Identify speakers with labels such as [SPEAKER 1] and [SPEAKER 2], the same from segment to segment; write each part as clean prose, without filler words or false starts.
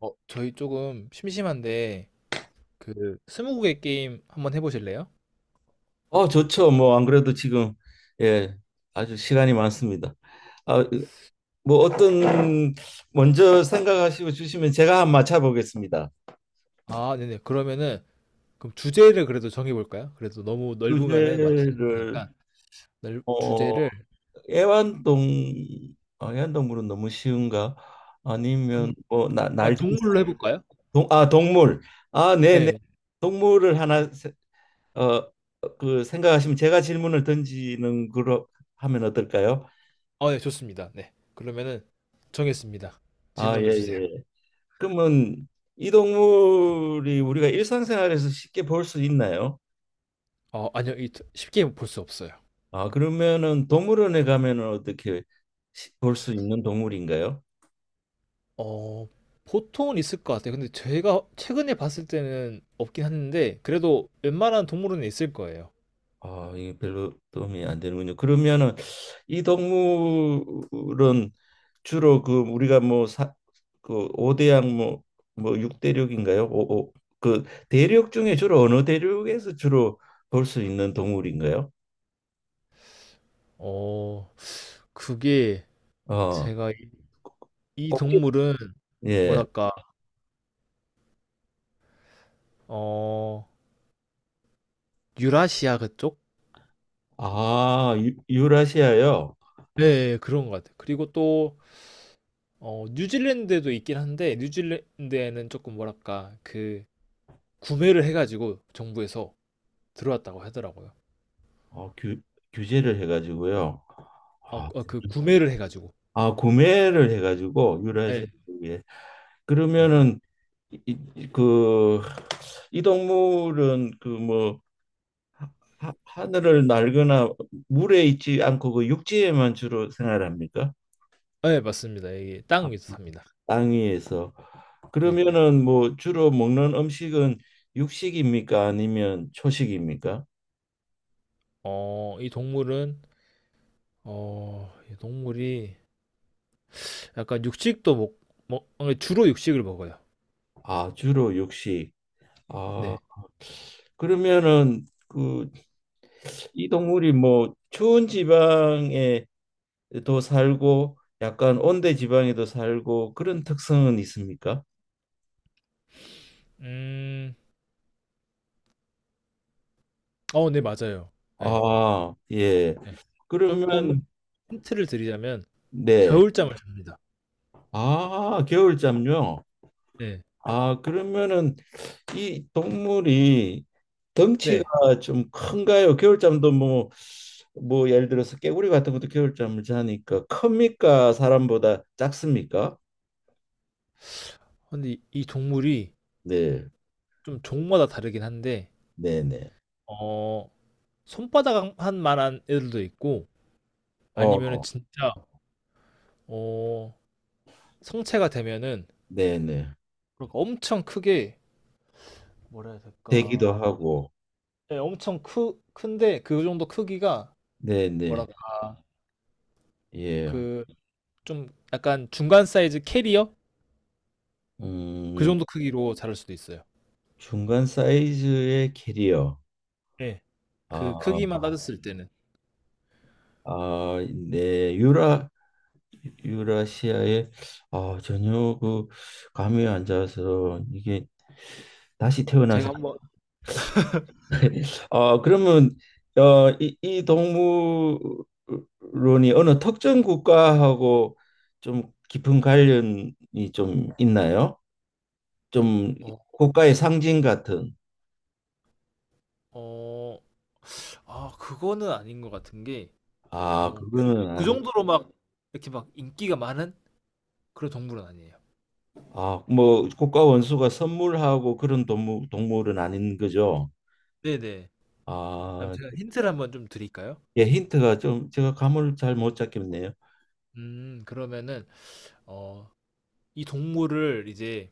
[SPEAKER 1] 저희 조금 심심한데 그 스무고개 게임 한번 해보실래요?
[SPEAKER 2] 좋죠. 뭐, 안 그래도 지금, 예, 아주 시간이 많습니다. 아, 뭐, 어떤, 먼저 생각하시고 주시면 제가 한번 맞춰보겠습니다.
[SPEAKER 1] 아, 네네. 그러면은 그럼 주제를 그래도 정해볼까요? 그래도 너무 넓으면은 맞추기
[SPEAKER 2] 주제를,
[SPEAKER 1] 힘드니까
[SPEAKER 2] 어,
[SPEAKER 1] 주제를
[SPEAKER 2] 애완동, 아, 애완동물은 너무 쉬운가? 아니면,
[SPEAKER 1] 그럼
[SPEAKER 2] 뭐, 나, 날,
[SPEAKER 1] 그냥 동물로 해볼까요?
[SPEAKER 2] 동, 아, 동물. 아, 네네.
[SPEAKER 1] 네.
[SPEAKER 2] 동물을 하나, 어, 생각하시면 제가 질문을 던지는 걸로 하면 어떨까요?
[SPEAKER 1] 네, 좋습니다. 네. 그러면은 정했습니다.
[SPEAKER 2] 아, 예,
[SPEAKER 1] 질문을 주세요.
[SPEAKER 2] 예. 그러면 이 동물이 우리가 일상생활에서 쉽게 볼 수 있나요?
[SPEAKER 1] 아니요, 쉽게 볼 수 없어요.
[SPEAKER 2] 아, 그러면은 동물원에 가면은 어떻게 볼 수 있는 동물인가요?
[SPEAKER 1] 어, 보통은 있을 것 같아요. 근데 제가 최근에 봤을 때는 없긴 했는데 그래도 웬만한 동물은 있을 거예요.
[SPEAKER 2] 아, 이게 별로 도움이 안 되는군요. 그러면은 이 동물은 주로 그 우리가 뭐 사, 그오대양 뭐, 뭐 6대륙인가요? 오, 그 대륙 중에 주로 어느 대륙에서 주로 볼 수 있는 동물인가요?
[SPEAKER 1] 어, 그게
[SPEAKER 2] 어,
[SPEAKER 1] 제가 이
[SPEAKER 2] 꼭지-
[SPEAKER 1] 동물은
[SPEAKER 2] 예.
[SPEAKER 1] 뭐랄까, 어 유라시아 그쪽?
[SPEAKER 2] 아, 유, 유라시아요?
[SPEAKER 1] 네 네, 그런 것 같아요. 그리고 또 뉴질랜드에도 있긴 한데 뉴질랜드에는 조금 뭐랄까 그 구매를 해가지고 정부에서 들어왔다고 하더라고요.
[SPEAKER 2] 규, 규제를 해가지고요. 아,
[SPEAKER 1] 그 구매를 해가지고.
[SPEAKER 2] 아, 구매를 해가지고 유라시아
[SPEAKER 1] 네,
[SPEAKER 2] 쪽에
[SPEAKER 1] 네,
[SPEAKER 2] 그러면은 이, 이- 그, 이 동물은 그 뭐 하늘을 날거나 물에 있지 않고 그 육지에만 주로 생활합니까?
[SPEAKER 1] 네, 맞습니다. 이게 땅 위에서 삽니다.
[SPEAKER 2] 땅 위에서.
[SPEAKER 1] 네.
[SPEAKER 2] 그러면은 뭐 주로 먹는 음식은 육식입니까? 아니면 초식입니까?
[SPEAKER 1] 어, 이 동물은 이 동물이 약간 육식도 먹, 먹, 어, 주로 육식을 먹어요.
[SPEAKER 2] 아, 주로 육식. 아,
[SPEAKER 1] 네.
[SPEAKER 2] 그러면은 그 이 동물이 뭐 추운 지방에도 살고 약간 온대 지방에도 살고 그런 특성은 있습니까?
[SPEAKER 1] 음, 네 맞아요. 네.
[SPEAKER 2] 아, 예.
[SPEAKER 1] 네. 쪼끔
[SPEAKER 2] 그러면
[SPEAKER 1] 힌트를 드리자면
[SPEAKER 2] 네.
[SPEAKER 1] 겨울잠을, 네, 잡니다.
[SPEAKER 2] 아, 겨울잠요.
[SPEAKER 1] 네.
[SPEAKER 2] 아, 그러면은 이 동물이 덩치가
[SPEAKER 1] 네.
[SPEAKER 2] 좀 큰가요? 겨울잠도 뭐 예를 들어서 깨구리 같은 것도 겨울잠을 자니까 큽니까? 사람보다 작습니까?
[SPEAKER 1] 근데 이 동물이
[SPEAKER 2] 네.
[SPEAKER 1] 좀 종마다 다르긴 한데
[SPEAKER 2] 네, 네.
[SPEAKER 1] 어 손바닥 한 만한 애들도 있고 아니면은
[SPEAKER 2] 어.
[SPEAKER 1] 진짜 어 성체가 되면은
[SPEAKER 2] 네, 네.
[SPEAKER 1] 그니까 엄청 크게 뭐라 해야
[SPEAKER 2] 되기도
[SPEAKER 1] 될까?
[SPEAKER 2] 하고,
[SPEAKER 1] 예, 엄청 크 큰데 그 정도 크기가
[SPEAKER 2] 네네,
[SPEAKER 1] 뭐랄까
[SPEAKER 2] 예,
[SPEAKER 1] 그 좀 약간 중간 사이즈 캐리어? 그
[SPEAKER 2] 음,
[SPEAKER 1] 정도 크기로 자랄 수도 있어요.
[SPEAKER 2] 중간 사이즈의 캐리어,
[SPEAKER 1] 예. 그 크기만
[SPEAKER 2] 아,
[SPEAKER 1] 따졌을 때는.
[SPEAKER 2] 아, 네, 유라, 유라시아에, 아, 전혀 그 감이 안 잡아서 이게 다시
[SPEAKER 1] 제가
[SPEAKER 2] 태어나서,
[SPEAKER 1] 한번.
[SPEAKER 2] 아, 그러면 이, 이 동물론이 어느 특정 국가하고 좀 깊은 관련이 좀 있나요? 좀
[SPEAKER 1] 어
[SPEAKER 2] 국가의 상징 같은,
[SPEAKER 1] 어, 그거는 아닌 것 같은 게,
[SPEAKER 2] 아,
[SPEAKER 1] 그,
[SPEAKER 2] 그거는
[SPEAKER 1] 그
[SPEAKER 2] 아니.
[SPEAKER 1] 정도로 막, 이렇게 막 인기가 많은 그런 동물은 아니에요.
[SPEAKER 2] 아, 뭐 국가 원수가 선물하고 그런 동물은 아닌 거죠.
[SPEAKER 1] 네네. 그럼
[SPEAKER 2] 아,
[SPEAKER 1] 제가 힌트를 한번 좀 드릴까요?
[SPEAKER 2] 예, 힌트가 좀 제가 감을 잘 못 잡겠네요.
[SPEAKER 1] 그러면은, 어, 이 동물을 이제,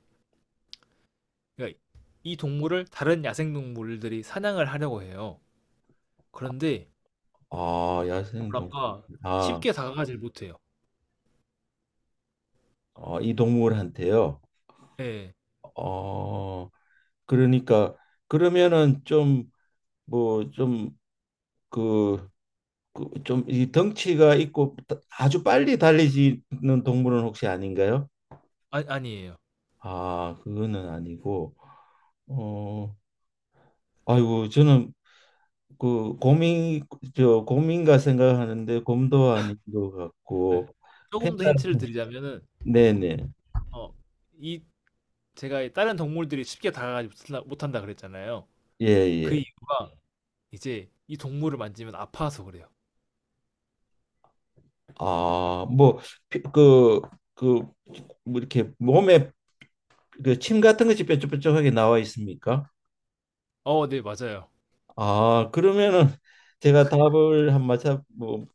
[SPEAKER 1] 그러니까 이 동물을 다른 야생동물들이 사냥을 하려고 해요. 그런데,
[SPEAKER 2] 아, 야생 동물.
[SPEAKER 1] 뭐랄까,
[SPEAKER 2] 아,
[SPEAKER 1] 쉽게 다가가질 못해요.
[SPEAKER 2] 이 동물한테요.
[SPEAKER 1] 예,
[SPEAKER 2] 어, 그러니까 그러면은 좀 뭐 좀그 그 좀 이 덩치가 있고 아주 빨리 달리지는 동물은 혹시 아닌가요?
[SPEAKER 1] 아, 아니에요.
[SPEAKER 2] 아, 그거는 아니고. 어, 아이고 저는 그 곰이 저 곰인가 생각하는데 곰도 아닌 것
[SPEAKER 1] 예.
[SPEAKER 2] 같고
[SPEAKER 1] 조금
[SPEAKER 2] 펜다
[SPEAKER 1] 더 힌트를 드리자면은,
[SPEAKER 2] 네네
[SPEAKER 1] 어, 이, 제가 다른 동물들이 쉽게 다가가지 못한다, 못한다 그랬잖아요. 그
[SPEAKER 2] 예예
[SPEAKER 1] 이유가 이제 이 동물을 만지면 아파서 그래요.
[SPEAKER 2] 아 뭐 그 그 뭐 이렇게 몸에 그 침 같은 것이 뾰족뾰족하게 나와 있습니까?
[SPEAKER 1] 네, 맞아요.
[SPEAKER 2] 아 그러면은 제가 답을 한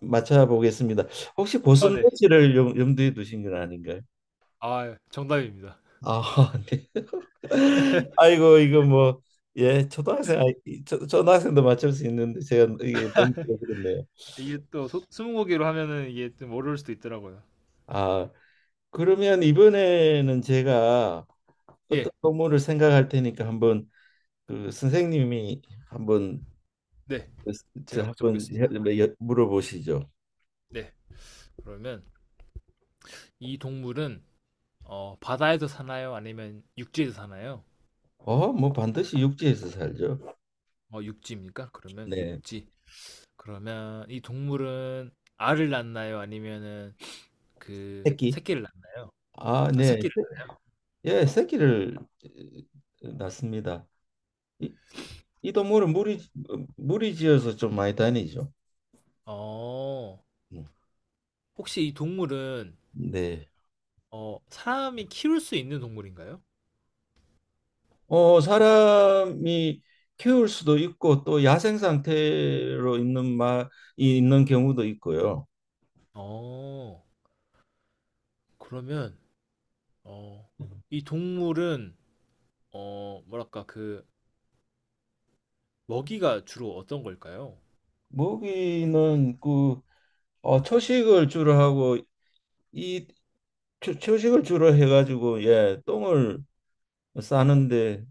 [SPEAKER 2] 맞춰 보겠습니다. 혹시
[SPEAKER 1] 아, 네.
[SPEAKER 2] 고슴도치를 염두에 두신 건 아닌가요?
[SPEAKER 1] 아, 정답입니다.
[SPEAKER 2] 아 네. 아이고 이거 뭐 예 초등학생 아이 초, 초등학생도 맞출 수 있는데 제가 이게 뭔지 모르겠네요.
[SPEAKER 1] 이게 또 스무고개로 하면은 이게 좀 어려울 수도 있더라고요.
[SPEAKER 2] 아 그러면 이번에는 제가 어떤
[SPEAKER 1] 예,
[SPEAKER 2] 동물을 생각할 테니까 한번 그 선생님이 한번
[SPEAKER 1] 네,
[SPEAKER 2] 저
[SPEAKER 1] 제가
[SPEAKER 2] 한번
[SPEAKER 1] 맞춰보겠습니다.
[SPEAKER 2] 물어보시죠.
[SPEAKER 1] 네, 그러면 이 동물은 바다에서 사나요? 아니면 육지에서 사나요?
[SPEAKER 2] 어 뭐 반드시 육지에서 살죠.
[SPEAKER 1] 육지입니까? 그러면
[SPEAKER 2] 네
[SPEAKER 1] 육지. 그러면 이 동물은 알을 낳나요? 아니면은 그
[SPEAKER 2] 새끼
[SPEAKER 1] 새끼를 낳나요? 아,
[SPEAKER 2] 아네
[SPEAKER 1] 새끼를.
[SPEAKER 2] 예 새끼를 낳습니다. 이, 이 동물은 무리지어서 좀 많이 다니죠.
[SPEAKER 1] 어,
[SPEAKER 2] 음.
[SPEAKER 1] 혹시 이 동물은
[SPEAKER 2] 네.
[SPEAKER 1] 사람이 키울 수 있는 동물인가요?
[SPEAKER 2] 사람이 키울 수도 있고 또 야생 상태로 있는 말이 있는 경우도 있고요.
[SPEAKER 1] 어, 그러면, 어, 이 동물은, 뭐랄까, 그, 먹이가 주로 어떤 걸까요?
[SPEAKER 2] 모기는 그 초식을 주로 하고 이 초, 초식을 주로 해가지고 예 똥을 싸는데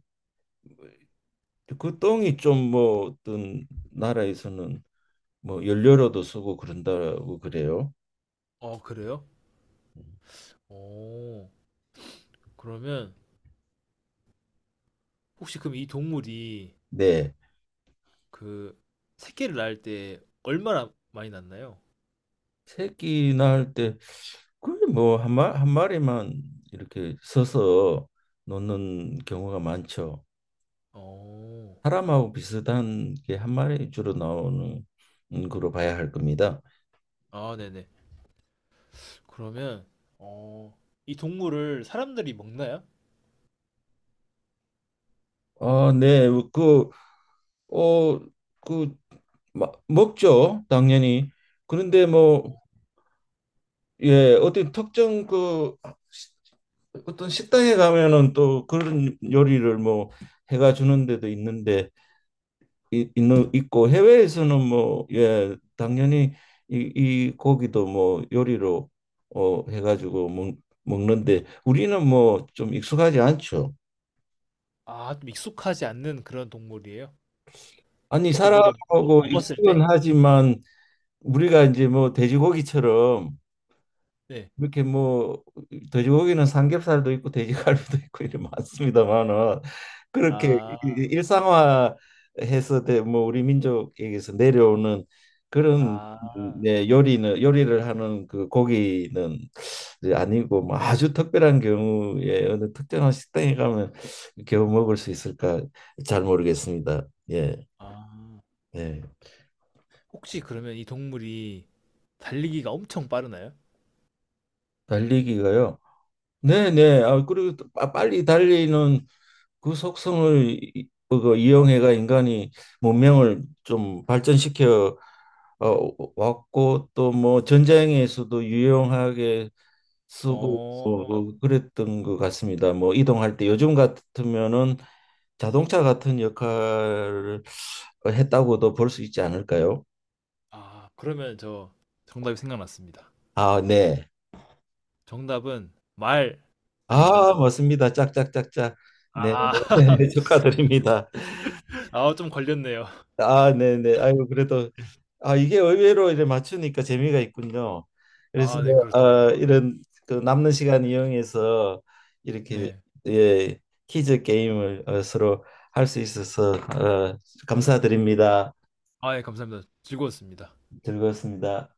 [SPEAKER 2] 그 똥이 좀 뭐 어떤 나라에서는 뭐 연료로도 쓰고 그런다고 그래요.
[SPEAKER 1] 그래요? 어, 그러면, 혹시 그럼 이 동물이,
[SPEAKER 2] 네.
[SPEAKER 1] 그, 새끼를 낳을 때 얼마나 많이 낳나요?
[SPEAKER 2] 새끼나 할때 그게 한 마리만 이렇게 서서 놓는 경우가 많죠.
[SPEAKER 1] 어,
[SPEAKER 2] 사람하고 비슷한 게 한 마리 주로 나오는 거로 봐야 할 겁니다.
[SPEAKER 1] 네네. 그러면, 어, 이 동물을 사람들이 먹나요?
[SPEAKER 2] 아, 네. 그, 어, 그, 마, 먹죠. 당연히. 그런데 뭐, 예, 어떤 특정 그 시- 어떤 식당에 가면은 또 그런 요리를 뭐 해가 주는 데도 있는데 있는 있고 해외에서는 뭐 예 당연히 이, 이 고기도 뭐 요리로 해가지고 먹는데 우리는 뭐 좀 익숙하지 않죠.
[SPEAKER 1] 아, 좀 익숙하지 않는 그런 동물이에요?
[SPEAKER 2] 아니
[SPEAKER 1] 그, 뭔가,
[SPEAKER 2] 사람하고
[SPEAKER 1] 먹었을 때?
[SPEAKER 2] 익숙은 하지만 우리가 이제 뭐 돼지고기처럼
[SPEAKER 1] 네.
[SPEAKER 2] 이렇게 뭐 돼지고기는 삼겹살도 있고 돼지갈비도 있고 이렇게 많습니다만은 그렇게
[SPEAKER 1] 아.
[SPEAKER 2] 뭐 우리 민족에게서 내려오는 그런
[SPEAKER 1] 아.
[SPEAKER 2] 네, 요리는 요리를 하는 그 고기는 이제 아니고 뭐 아주 특별한 경우에 어느 특정한 식당에 가면 겨우 먹을 수 있을까 잘 모르겠습니다. 예,
[SPEAKER 1] 아.
[SPEAKER 2] 예.
[SPEAKER 1] 혹시 그러면 이 동물이 달리기가 엄청 빠르나요?
[SPEAKER 2] 달리기가요. 네, 네. 아, 그리고 또 빨리 달리는 그 속성을 그거 이용해가 인간이 문명을 좀 발전시켜 어, 왔고 또 뭐 전쟁에서도 유용하게 쓰고
[SPEAKER 1] 어.
[SPEAKER 2] 뭐 그랬던 것 같습니다. 뭐 이동할 때 요즘 같으면은 자동차 같은 역할을 했다고도 볼 수 있지 않을까요?
[SPEAKER 1] 아, 그러면 저 정답이 생각났습니다.
[SPEAKER 2] 아, 네.
[SPEAKER 1] 정답은 말 아닌가요?
[SPEAKER 2] 아, 맞습니다. 짝짝짝짝. 네.
[SPEAKER 1] 아.
[SPEAKER 2] 축하드립니다.
[SPEAKER 1] 아, 좀 걸렸네요.
[SPEAKER 2] 아, 네네. 아이고, 그래도, 아, 이게 의외로 이제 맞추니까 재미가 있군요. 그래서,
[SPEAKER 1] 아, 네, 그렇죠.
[SPEAKER 2] 아, 이런, 그 남는 시간 이용해서 이렇게,
[SPEAKER 1] 네.
[SPEAKER 2] 예, 퀴즈 게임을 서로 할 수 있어서, 감사드립니다.
[SPEAKER 1] 아, 예, 감사합니다. 즐거웠습니다.
[SPEAKER 2] 즐거웠습니다.